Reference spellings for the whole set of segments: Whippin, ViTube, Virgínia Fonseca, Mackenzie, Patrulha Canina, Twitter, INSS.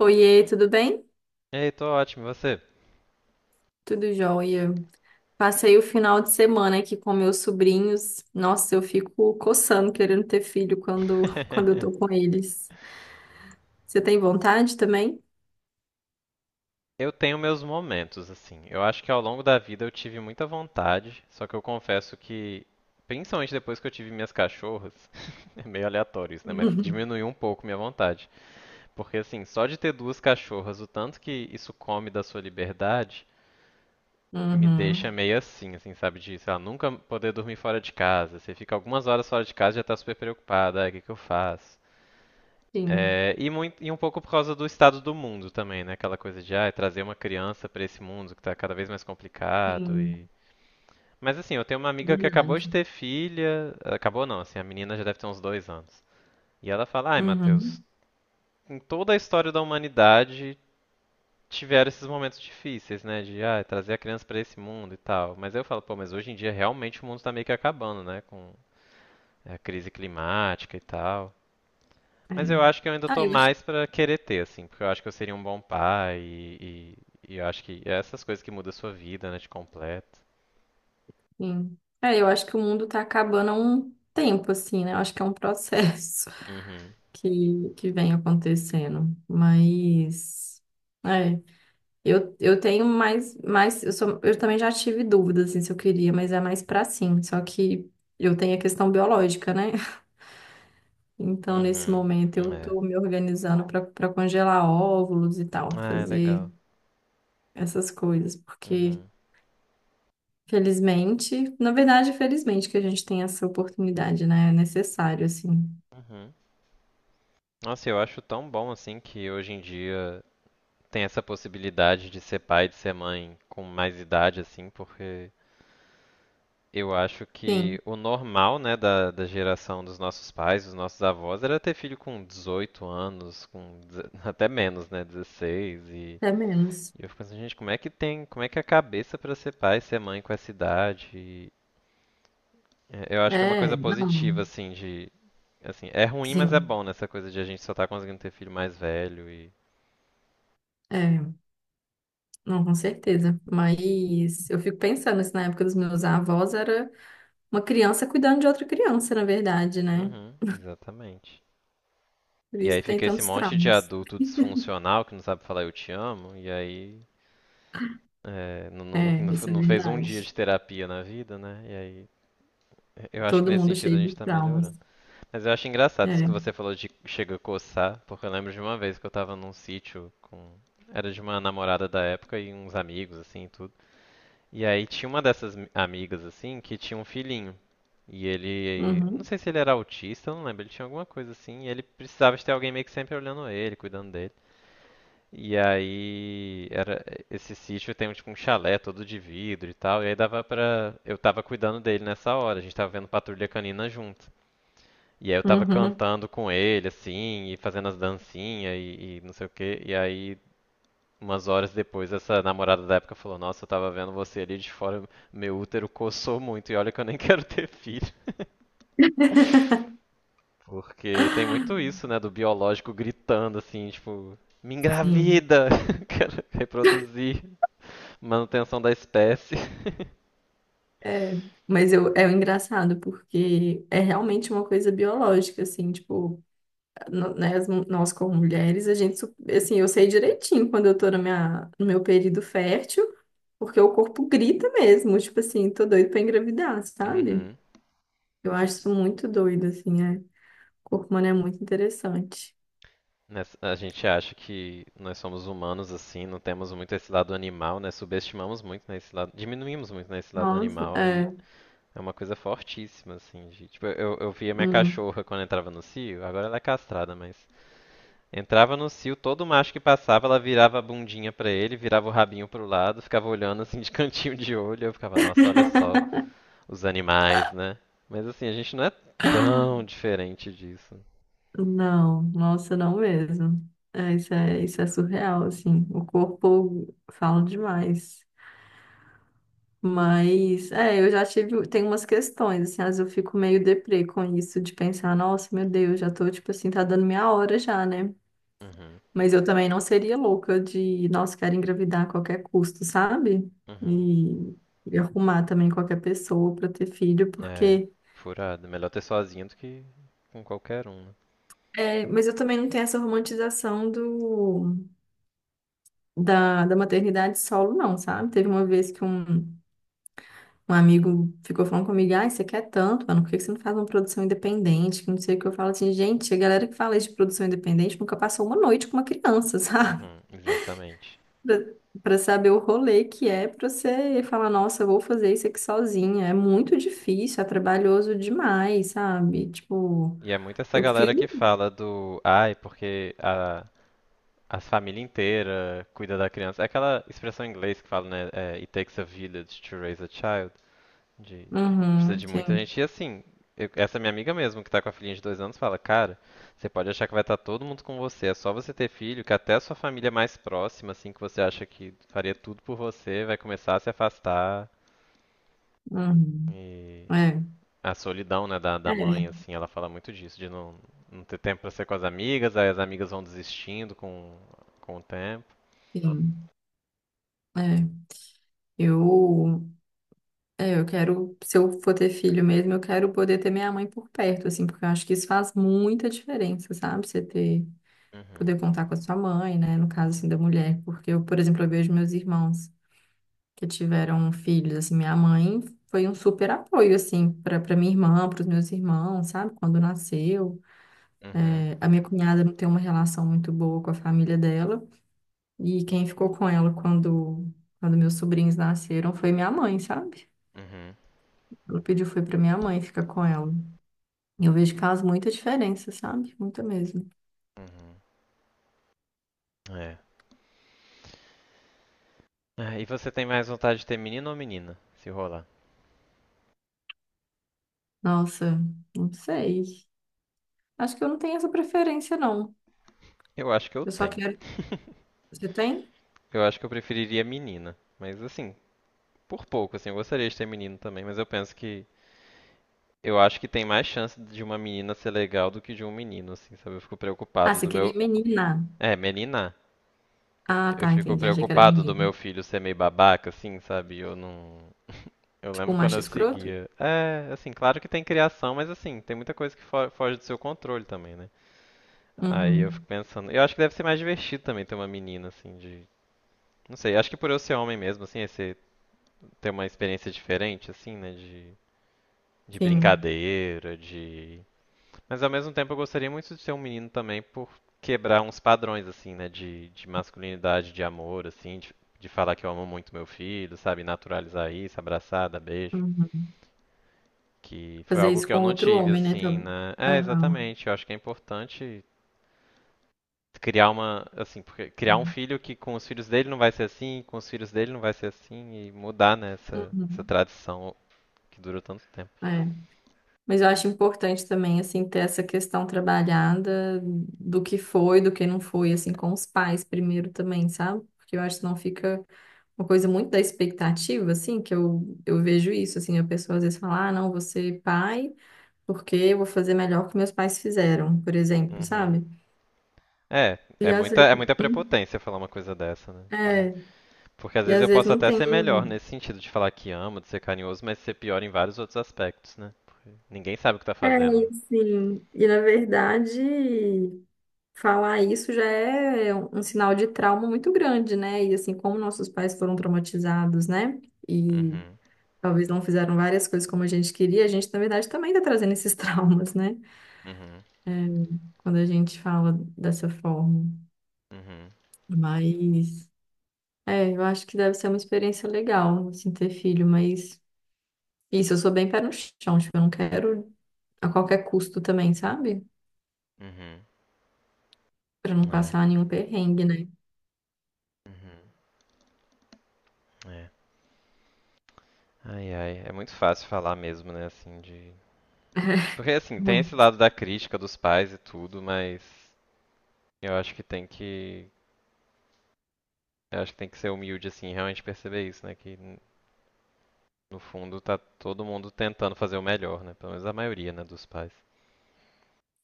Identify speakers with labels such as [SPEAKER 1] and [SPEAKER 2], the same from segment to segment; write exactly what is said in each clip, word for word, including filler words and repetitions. [SPEAKER 1] Oiê, tudo bem?
[SPEAKER 2] Ei, tô ótimo, e você?
[SPEAKER 1] Tudo jóia. Passei o final de semana aqui com meus sobrinhos. Nossa, eu fico coçando querendo ter filho quando, quando eu tô com eles. Você tem vontade também?
[SPEAKER 2] Eu tenho meus momentos, assim. Eu acho que ao longo da vida eu tive muita vontade, só que eu confesso que, principalmente depois que eu tive minhas cachorras, é meio aleatório isso, né? Mas diminuiu um pouco minha vontade. Porque, assim, só de ter duas cachorras, o tanto que isso come da sua liberdade, me deixa
[SPEAKER 1] Uhum.
[SPEAKER 2] meio assim, assim, sabe? De, sei lá, nunca poder dormir fora de casa. Você fica algumas horas fora de casa e já tá super preocupada. Ai, o que que eu faço?
[SPEAKER 1] Sim,
[SPEAKER 2] É, e, muito, e um pouco por causa do estado do mundo também, né? Aquela coisa de ah, trazer uma criança pra esse mundo que tá cada vez mais complicado
[SPEAKER 1] sim,
[SPEAKER 2] e... Mas assim, eu tenho uma amiga que acabou
[SPEAKER 1] verdade.
[SPEAKER 2] de ter filha, acabou não, assim, a menina já deve ter uns dois anos. E ela fala, ai, Matheus,
[SPEAKER 1] Uhum.
[SPEAKER 2] em toda a história da humanidade tiveram esses momentos difíceis, né? De ah, trazer a criança pra esse mundo e tal. Mas aí eu falo, pô, mas hoje em dia realmente o mundo tá meio que acabando, né? Com é, a crise climática e tal.
[SPEAKER 1] É.
[SPEAKER 2] Mas eu acho que eu ainda
[SPEAKER 1] Ah,
[SPEAKER 2] tô
[SPEAKER 1] eu acho que
[SPEAKER 2] mais pra querer ter, assim, porque eu acho que eu seria um bom pai e, e, e eu acho que é essas coisas que mudam a sua vida, né, te completa.
[SPEAKER 1] sim. É, eu acho que o mundo tá acabando há um tempo, assim, né? Eu acho que é um processo
[SPEAKER 2] Uhum,
[SPEAKER 1] que, que vem acontecendo. Mas. É. Eu, eu tenho mais, mais eu, sou, eu também já tive dúvidas assim, se eu queria, mas é mais pra sim. Só que eu tenho a questão biológica, né? Então, nesse
[SPEAKER 2] uhum,
[SPEAKER 1] momento, eu
[SPEAKER 2] é.
[SPEAKER 1] tô me organizando pra para congelar óvulos e tal,
[SPEAKER 2] Ah, é
[SPEAKER 1] fazer
[SPEAKER 2] legal.
[SPEAKER 1] essas coisas, porque,
[SPEAKER 2] Uhum,
[SPEAKER 1] felizmente, na verdade, felizmente que a gente tem essa oportunidade, né? É necessário, assim.
[SPEAKER 2] uhum. Nossa, eu acho tão bom, assim, que hoje em dia tem essa possibilidade de ser pai, de ser mãe com mais idade, assim, porque eu acho que
[SPEAKER 1] Sim,
[SPEAKER 2] o normal, né, da, da geração dos nossos pais, dos nossos avós, era ter filho com dezoito anos, com deze- até menos, né, dezesseis e
[SPEAKER 1] até menos.
[SPEAKER 2] E eu fico pensando, gente, como é que tem, como é que é a cabeça pra ser pai, ser mãe com essa idade? E, é, eu acho que é uma coisa
[SPEAKER 1] É,
[SPEAKER 2] positiva,
[SPEAKER 1] não,
[SPEAKER 2] assim, de, assim, é ruim, mas é
[SPEAKER 1] sim.
[SPEAKER 2] bom nessa coisa de a gente só tá conseguindo ter filho mais velho e,
[SPEAKER 1] É, não, com certeza. Mas eu fico pensando, assim, na época dos meus avós era. Uma criança cuidando de outra criança, na verdade, né?
[SPEAKER 2] uhum, exatamente.
[SPEAKER 1] Por
[SPEAKER 2] E aí
[SPEAKER 1] isso tem
[SPEAKER 2] fica esse
[SPEAKER 1] tantos
[SPEAKER 2] monte de
[SPEAKER 1] traumas.
[SPEAKER 2] adulto disfuncional que não sabe falar eu te amo, e aí é, não, não,
[SPEAKER 1] É,
[SPEAKER 2] não-
[SPEAKER 1] isso é
[SPEAKER 2] não fez um dia de
[SPEAKER 1] verdade.
[SPEAKER 2] terapia na vida, né? E aí eu acho que
[SPEAKER 1] Todo
[SPEAKER 2] nesse
[SPEAKER 1] mundo
[SPEAKER 2] sentido a
[SPEAKER 1] cheio
[SPEAKER 2] gente
[SPEAKER 1] de
[SPEAKER 2] tá
[SPEAKER 1] traumas.
[SPEAKER 2] melhorando. Mas eu acho engraçado isso
[SPEAKER 1] É.
[SPEAKER 2] que você falou de chega a coçar, porque eu lembro de uma vez que eu tava num sítio com. Era de uma namorada da época e uns amigos, assim, e tudo. E aí tinha uma dessas mi- amigas, assim, que tinha um filhinho. E ele. Não
[SPEAKER 1] Uhum.
[SPEAKER 2] sei se ele era autista, eu não lembro. Ele tinha alguma coisa assim. E ele precisava de ter alguém meio que sempre olhando ele, cuidando dele. E aí. Era, esse sítio tem um, tipo um chalé todo de vidro e tal. E aí dava pra. Eu tava cuidando dele nessa hora. A gente tava vendo Patrulha Canina junto. E aí eu tava
[SPEAKER 1] Uhum.
[SPEAKER 2] cantando com ele, assim, e fazendo as dancinhas e, e não sei o quê. E aí, umas horas depois, essa namorada da época falou: Nossa, eu tava vendo você ali de fora, meu útero coçou muito, e olha que eu nem quero ter filho. Porque tem muito isso, né, do biológico gritando, assim, tipo: Me
[SPEAKER 1] Sim.
[SPEAKER 2] engravida! Quero reproduzir, manutenção da espécie.
[SPEAKER 1] É. Mas eu, é engraçado, porque é realmente uma coisa biológica, assim, tipo, no- né, as mu- nós como mulheres, a gente, su- assim, eu sei direitinho quando eu tô na minha, no meu período fértil, porque o corpo grita mesmo, tipo assim, tô doido pra engravidar, sabe?
[SPEAKER 2] Uhum.
[SPEAKER 1] Eu acho isso muito doido, assim, é. Corpo humano é muito interessante.
[SPEAKER 2] Nessa- A gente acha que nós somos humanos assim, não temos muito esse lado animal, né? Subestimamos muito nesse lado, diminuímos muito nesse lado
[SPEAKER 1] Nossa,
[SPEAKER 2] animal e
[SPEAKER 1] é,
[SPEAKER 2] é uma coisa fortíssima assim, de, tipo, eu, eu via minha
[SPEAKER 1] hum,
[SPEAKER 2] cachorra quando entrava no cio, agora ela é castrada, mas entrava no cio, todo macho que passava, ela virava a bundinha pra ele, virava o rabinho pro lado, ficava olhando assim de cantinho de olho, eu ficava, nossa, olha só os animais, né? Mas assim, a gente não é tão diferente disso.
[SPEAKER 1] não, nossa, não mesmo. É, isso é, isso é surreal, assim. O corpo fala demais. Mas, é, eu já tive, tem umas questões, assim, às vezes eu fico meio deprê com isso, de pensar, nossa, meu Deus, já tô, tipo assim, tá dando minha hora já, né?
[SPEAKER 2] Uhum,
[SPEAKER 1] Mas eu também não seria louca de, nossa, quero engravidar a qualquer custo, sabe?
[SPEAKER 2] uhum.
[SPEAKER 1] E, e arrumar também qualquer pessoa pra ter filho,
[SPEAKER 2] É,
[SPEAKER 1] porque.
[SPEAKER 2] furado. Melhor ter sozinho do que com qualquer um, né?
[SPEAKER 1] É, mas eu também não tenho essa romantização do, da, da maternidade solo, não, sabe? Teve uma vez que um, um amigo ficou falando comigo, ai, você quer tanto, mano, por que que você não faz uma produção independente? Que não sei o que eu falo assim, gente, a galera que fala de produção independente nunca passou uma noite com uma criança, sabe?
[SPEAKER 2] Uhum, exatamente.
[SPEAKER 1] Pra, pra saber o rolê que é pra você falar, nossa, eu vou fazer isso aqui sozinha. É muito difícil, é trabalhoso demais, sabe? Tipo,
[SPEAKER 2] E é muito essa
[SPEAKER 1] eu
[SPEAKER 2] galera
[SPEAKER 1] prefiro.
[SPEAKER 2] que fala do, ai, porque a, as família inteira cuida da criança. É aquela expressão em inglês que fala, né? É, It takes a village to raise a child. De, precisa
[SPEAKER 1] Uhum,
[SPEAKER 2] de muita
[SPEAKER 1] sim.
[SPEAKER 2] gente. E assim, eu- essa minha amiga mesmo, que tá com a filhinha de dois anos, fala, cara, você pode achar que vai estar todo mundo com você. É só você ter filho, que até a sua família mais próxima, assim, que você acha que faria tudo por você, vai começar a se afastar.
[SPEAKER 1] Uhum.
[SPEAKER 2] E
[SPEAKER 1] É.
[SPEAKER 2] a solidão, né, da, da mãe,
[SPEAKER 1] É.
[SPEAKER 2] assim, ela fala muito disso, de não, não ter tempo pra ser com as amigas, aí as amigas vão desistindo com, com o tempo.
[SPEAKER 1] Sim. É, eu, é, eu quero, se eu for ter filho mesmo, eu quero poder ter minha mãe por perto, assim, porque eu acho que isso faz muita diferença, sabe? Você ter,
[SPEAKER 2] Uhum,
[SPEAKER 1] poder contar com a sua mãe, né? No caso, assim, da mulher, porque eu, por exemplo, eu vejo meus irmãos que tiveram filhos, assim, minha mãe foi um super apoio, assim, para para minha irmã, para os meus irmãos, sabe? Quando nasceu.
[SPEAKER 2] uhum,
[SPEAKER 1] É, a minha cunhada não tem uma relação muito boa com a família dela, e quem ficou com ela quando, quando meus sobrinhos nasceram foi minha mãe, sabe?
[SPEAKER 2] uhum,
[SPEAKER 1] Ela pediu foi pra minha mãe ficar com ela. E eu vejo que faz muita diferença, sabe? Muita mesmo.
[SPEAKER 2] uhum. É. Ah, e você tem mais vontade de ter menino ou menina, se rolar?
[SPEAKER 1] Nossa, não sei. Acho que eu não tenho essa preferência, não.
[SPEAKER 2] Eu acho que eu
[SPEAKER 1] Eu só
[SPEAKER 2] tenho.
[SPEAKER 1] quero. Você tem?
[SPEAKER 2] Eu acho que eu preferiria menina, mas assim, por pouco, assim, eu gostaria de ter menino também, mas eu penso que eu acho que tem mais chance de uma menina ser legal do que de um menino, assim, sabe? Eu fico
[SPEAKER 1] Ah,
[SPEAKER 2] preocupado
[SPEAKER 1] você
[SPEAKER 2] do
[SPEAKER 1] queria
[SPEAKER 2] meu.
[SPEAKER 1] menina.
[SPEAKER 2] É, menina.
[SPEAKER 1] Ah,
[SPEAKER 2] Eu
[SPEAKER 1] tá,
[SPEAKER 2] fico
[SPEAKER 1] entendi. Achei que era
[SPEAKER 2] preocupado do meu
[SPEAKER 1] menino.
[SPEAKER 2] filho ser meio babaca, assim, sabe? Eu não. Eu
[SPEAKER 1] Tipo
[SPEAKER 2] lembro
[SPEAKER 1] um
[SPEAKER 2] quando
[SPEAKER 1] macho
[SPEAKER 2] eu
[SPEAKER 1] escroto?
[SPEAKER 2] seguia. É, assim, claro que tem criação, mas assim, tem muita coisa que fo- foge do seu controle também, né? Aí eu fico
[SPEAKER 1] Uhum.
[SPEAKER 2] pensando. Eu acho que deve ser mais divertido também ter uma menina, assim, de. Não sei, acho que por eu ser homem mesmo, assim, é ser... ter uma experiência diferente, assim, né? De. De
[SPEAKER 1] Sim.
[SPEAKER 2] brincadeira, de. Mas ao mesmo tempo eu gostaria muito de ser um menino também por quebrar uns padrões, assim, né? De, de masculinidade, de amor, assim, de, de falar que eu amo muito meu filho, sabe? Naturalizar isso, abraçar, dar beijo.
[SPEAKER 1] Uhum.
[SPEAKER 2] Que foi
[SPEAKER 1] Fazer
[SPEAKER 2] algo
[SPEAKER 1] isso
[SPEAKER 2] que eu
[SPEAKER 1] com
[SPEAKER 2] não
[SPEAKER 1] outro
[SPEAKER 2] tive,
[SPEAKER 1] homem, né?
[SPEAKER 2] assim,
[SPEAKER 1] Tá-
[SPEAKER 2] né? É,
[SPEAKER 1] Aham.
[SPEAKER 2] exatamente. Eu acho que é importante criar uma, assim, porque criar um filho que com os filhos dele não vai ser assim, com os filhos dele não vai ser assim, e mudar, né, essa, essa
[SPEAKER 1] Uhum.
[SPEAKER 2] tradição que durou tanto tempo.
[SPEAKER 1] É. Mas eu acho importante também, assim, ter essa questão trabalhada do que foi, do que não foi, assim, com os pais primeiro também, sabe? Porque eu acho que não fica uma coisa muito da expectativa, assim, que eu, eu vejo isso, assim, a pessoa às vezes fala, ah, não, vou ser pai porque eu vou fazer melhor que meus pais fizeram, por exemplo,
[SPEAKER 2] Uhum.
[SPEAKER 1] sabe?
[SPEAKER 2] É,
[SPEAKER 1] E
[SPEAKER 2] é
[SPEAKER 1] às
[SPEAKER 2] muita,
[SPEAKER 1] vezes,
[SPEAKER 2] é muita
[SPEAKER 1] hum,
[SPEAKER 2] prepotência falar uma coisa dessa, né?
[SPEAKER 1] é,
[SPEAKER 2] Porque às
[SPEAKER 1] e
[SPEAKER 2] vezes
[SPEAKER 1] às
[SPEAKER 2] eu
[SPEAKER 1] vezes
[SPEAKER 2] posso
[SPEAKER 1] não
[SPEAKER 2] até
[SPEAKER 1] tem,
[SPEAKER 2] ser melhor
[SPEAKER 1] um-
[SPEAKER 2] nesse sentido de falar que amo, de ser carinhoso, mas ser pior em vários outros aspectos, né? Porque ninguém sabe o que tá
[SPEAKER 1] é,
[SPEAKER 2] fazendo, né?
[SPEAKER 1] e assim, e na verdade... Falar isso já é um um sinal de trauma muito grande, né? E assim, como nossos pais foram traumatizados, né? E
[SPEAKER 2] Uhum,
[SPEAKER 1] talvez não fizeram várias coisas como a gente queria, a gente, na verdade, também tá trazendo esses traumas, né?
[SPEAKER 2] uhum,
[SPEAKER 1] É, quando a gente fala dessa forma.
[SPEAKER 2] uhum,
[SPEAKER 1] Mas, é, eu acho que deve ser uma experiência legal, assim, ter filho, mas isso, eu sou bem pé no chão, tipo, eu não quero a qualquer custo também, sabe?
[SPEAKER 2] uhum.
[SPEAKER 1] Pra não
[SPEAKER 2] É,
[SPEAKER 1] passar nenhum perrengue, né?
[SPEAKER 2] uhum, é. Ai, ai, é muito fácil falar mesmo, né? Assim, de. Porque assim, tem esse
[SPEAKER 1] Muito.
[SPEAKER 2] lado da crítica dos pais e tudo, mas eu acho que tem que. Eu acho que tem que ser humilde, assim, e realmente perceber isso, né? Que n- no fundo tá todo mundo tentando fazer o melhor, né? Pelo menos a maioria, né, dos pais.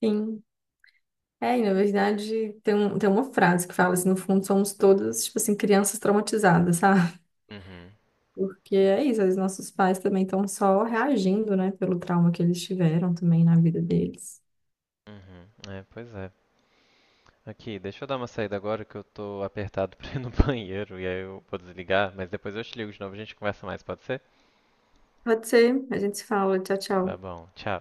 [SPEAKER 1] Sim. É, e na verdade tem, um, tem uma frase que fala assim, no fundo somos todos, tipo assim, crianças traumatizadas, sabe?
[SPEAKER 2] Uhum,
[SPEAKER 1] Porque é isso, os nossos pais também estão só reagindo, né, pelo trauma que eles tiveram também na vida deles.
[SPEAKER 2] uhum. É, pois é. Aqui, deixa eu dar uma saída agora que eu tô apertado pra ir no banheiro e aí eu vou desligar, mas depois eu te ligo de novo, a gente conversa mais, pode ser?
[SPEAKER 1] Pode ser, a gente se fala, tchau,
[SPEAKER 2] Tá
[SPEAKER 1] tchau.
[SPEAKER 2] bom, tchau.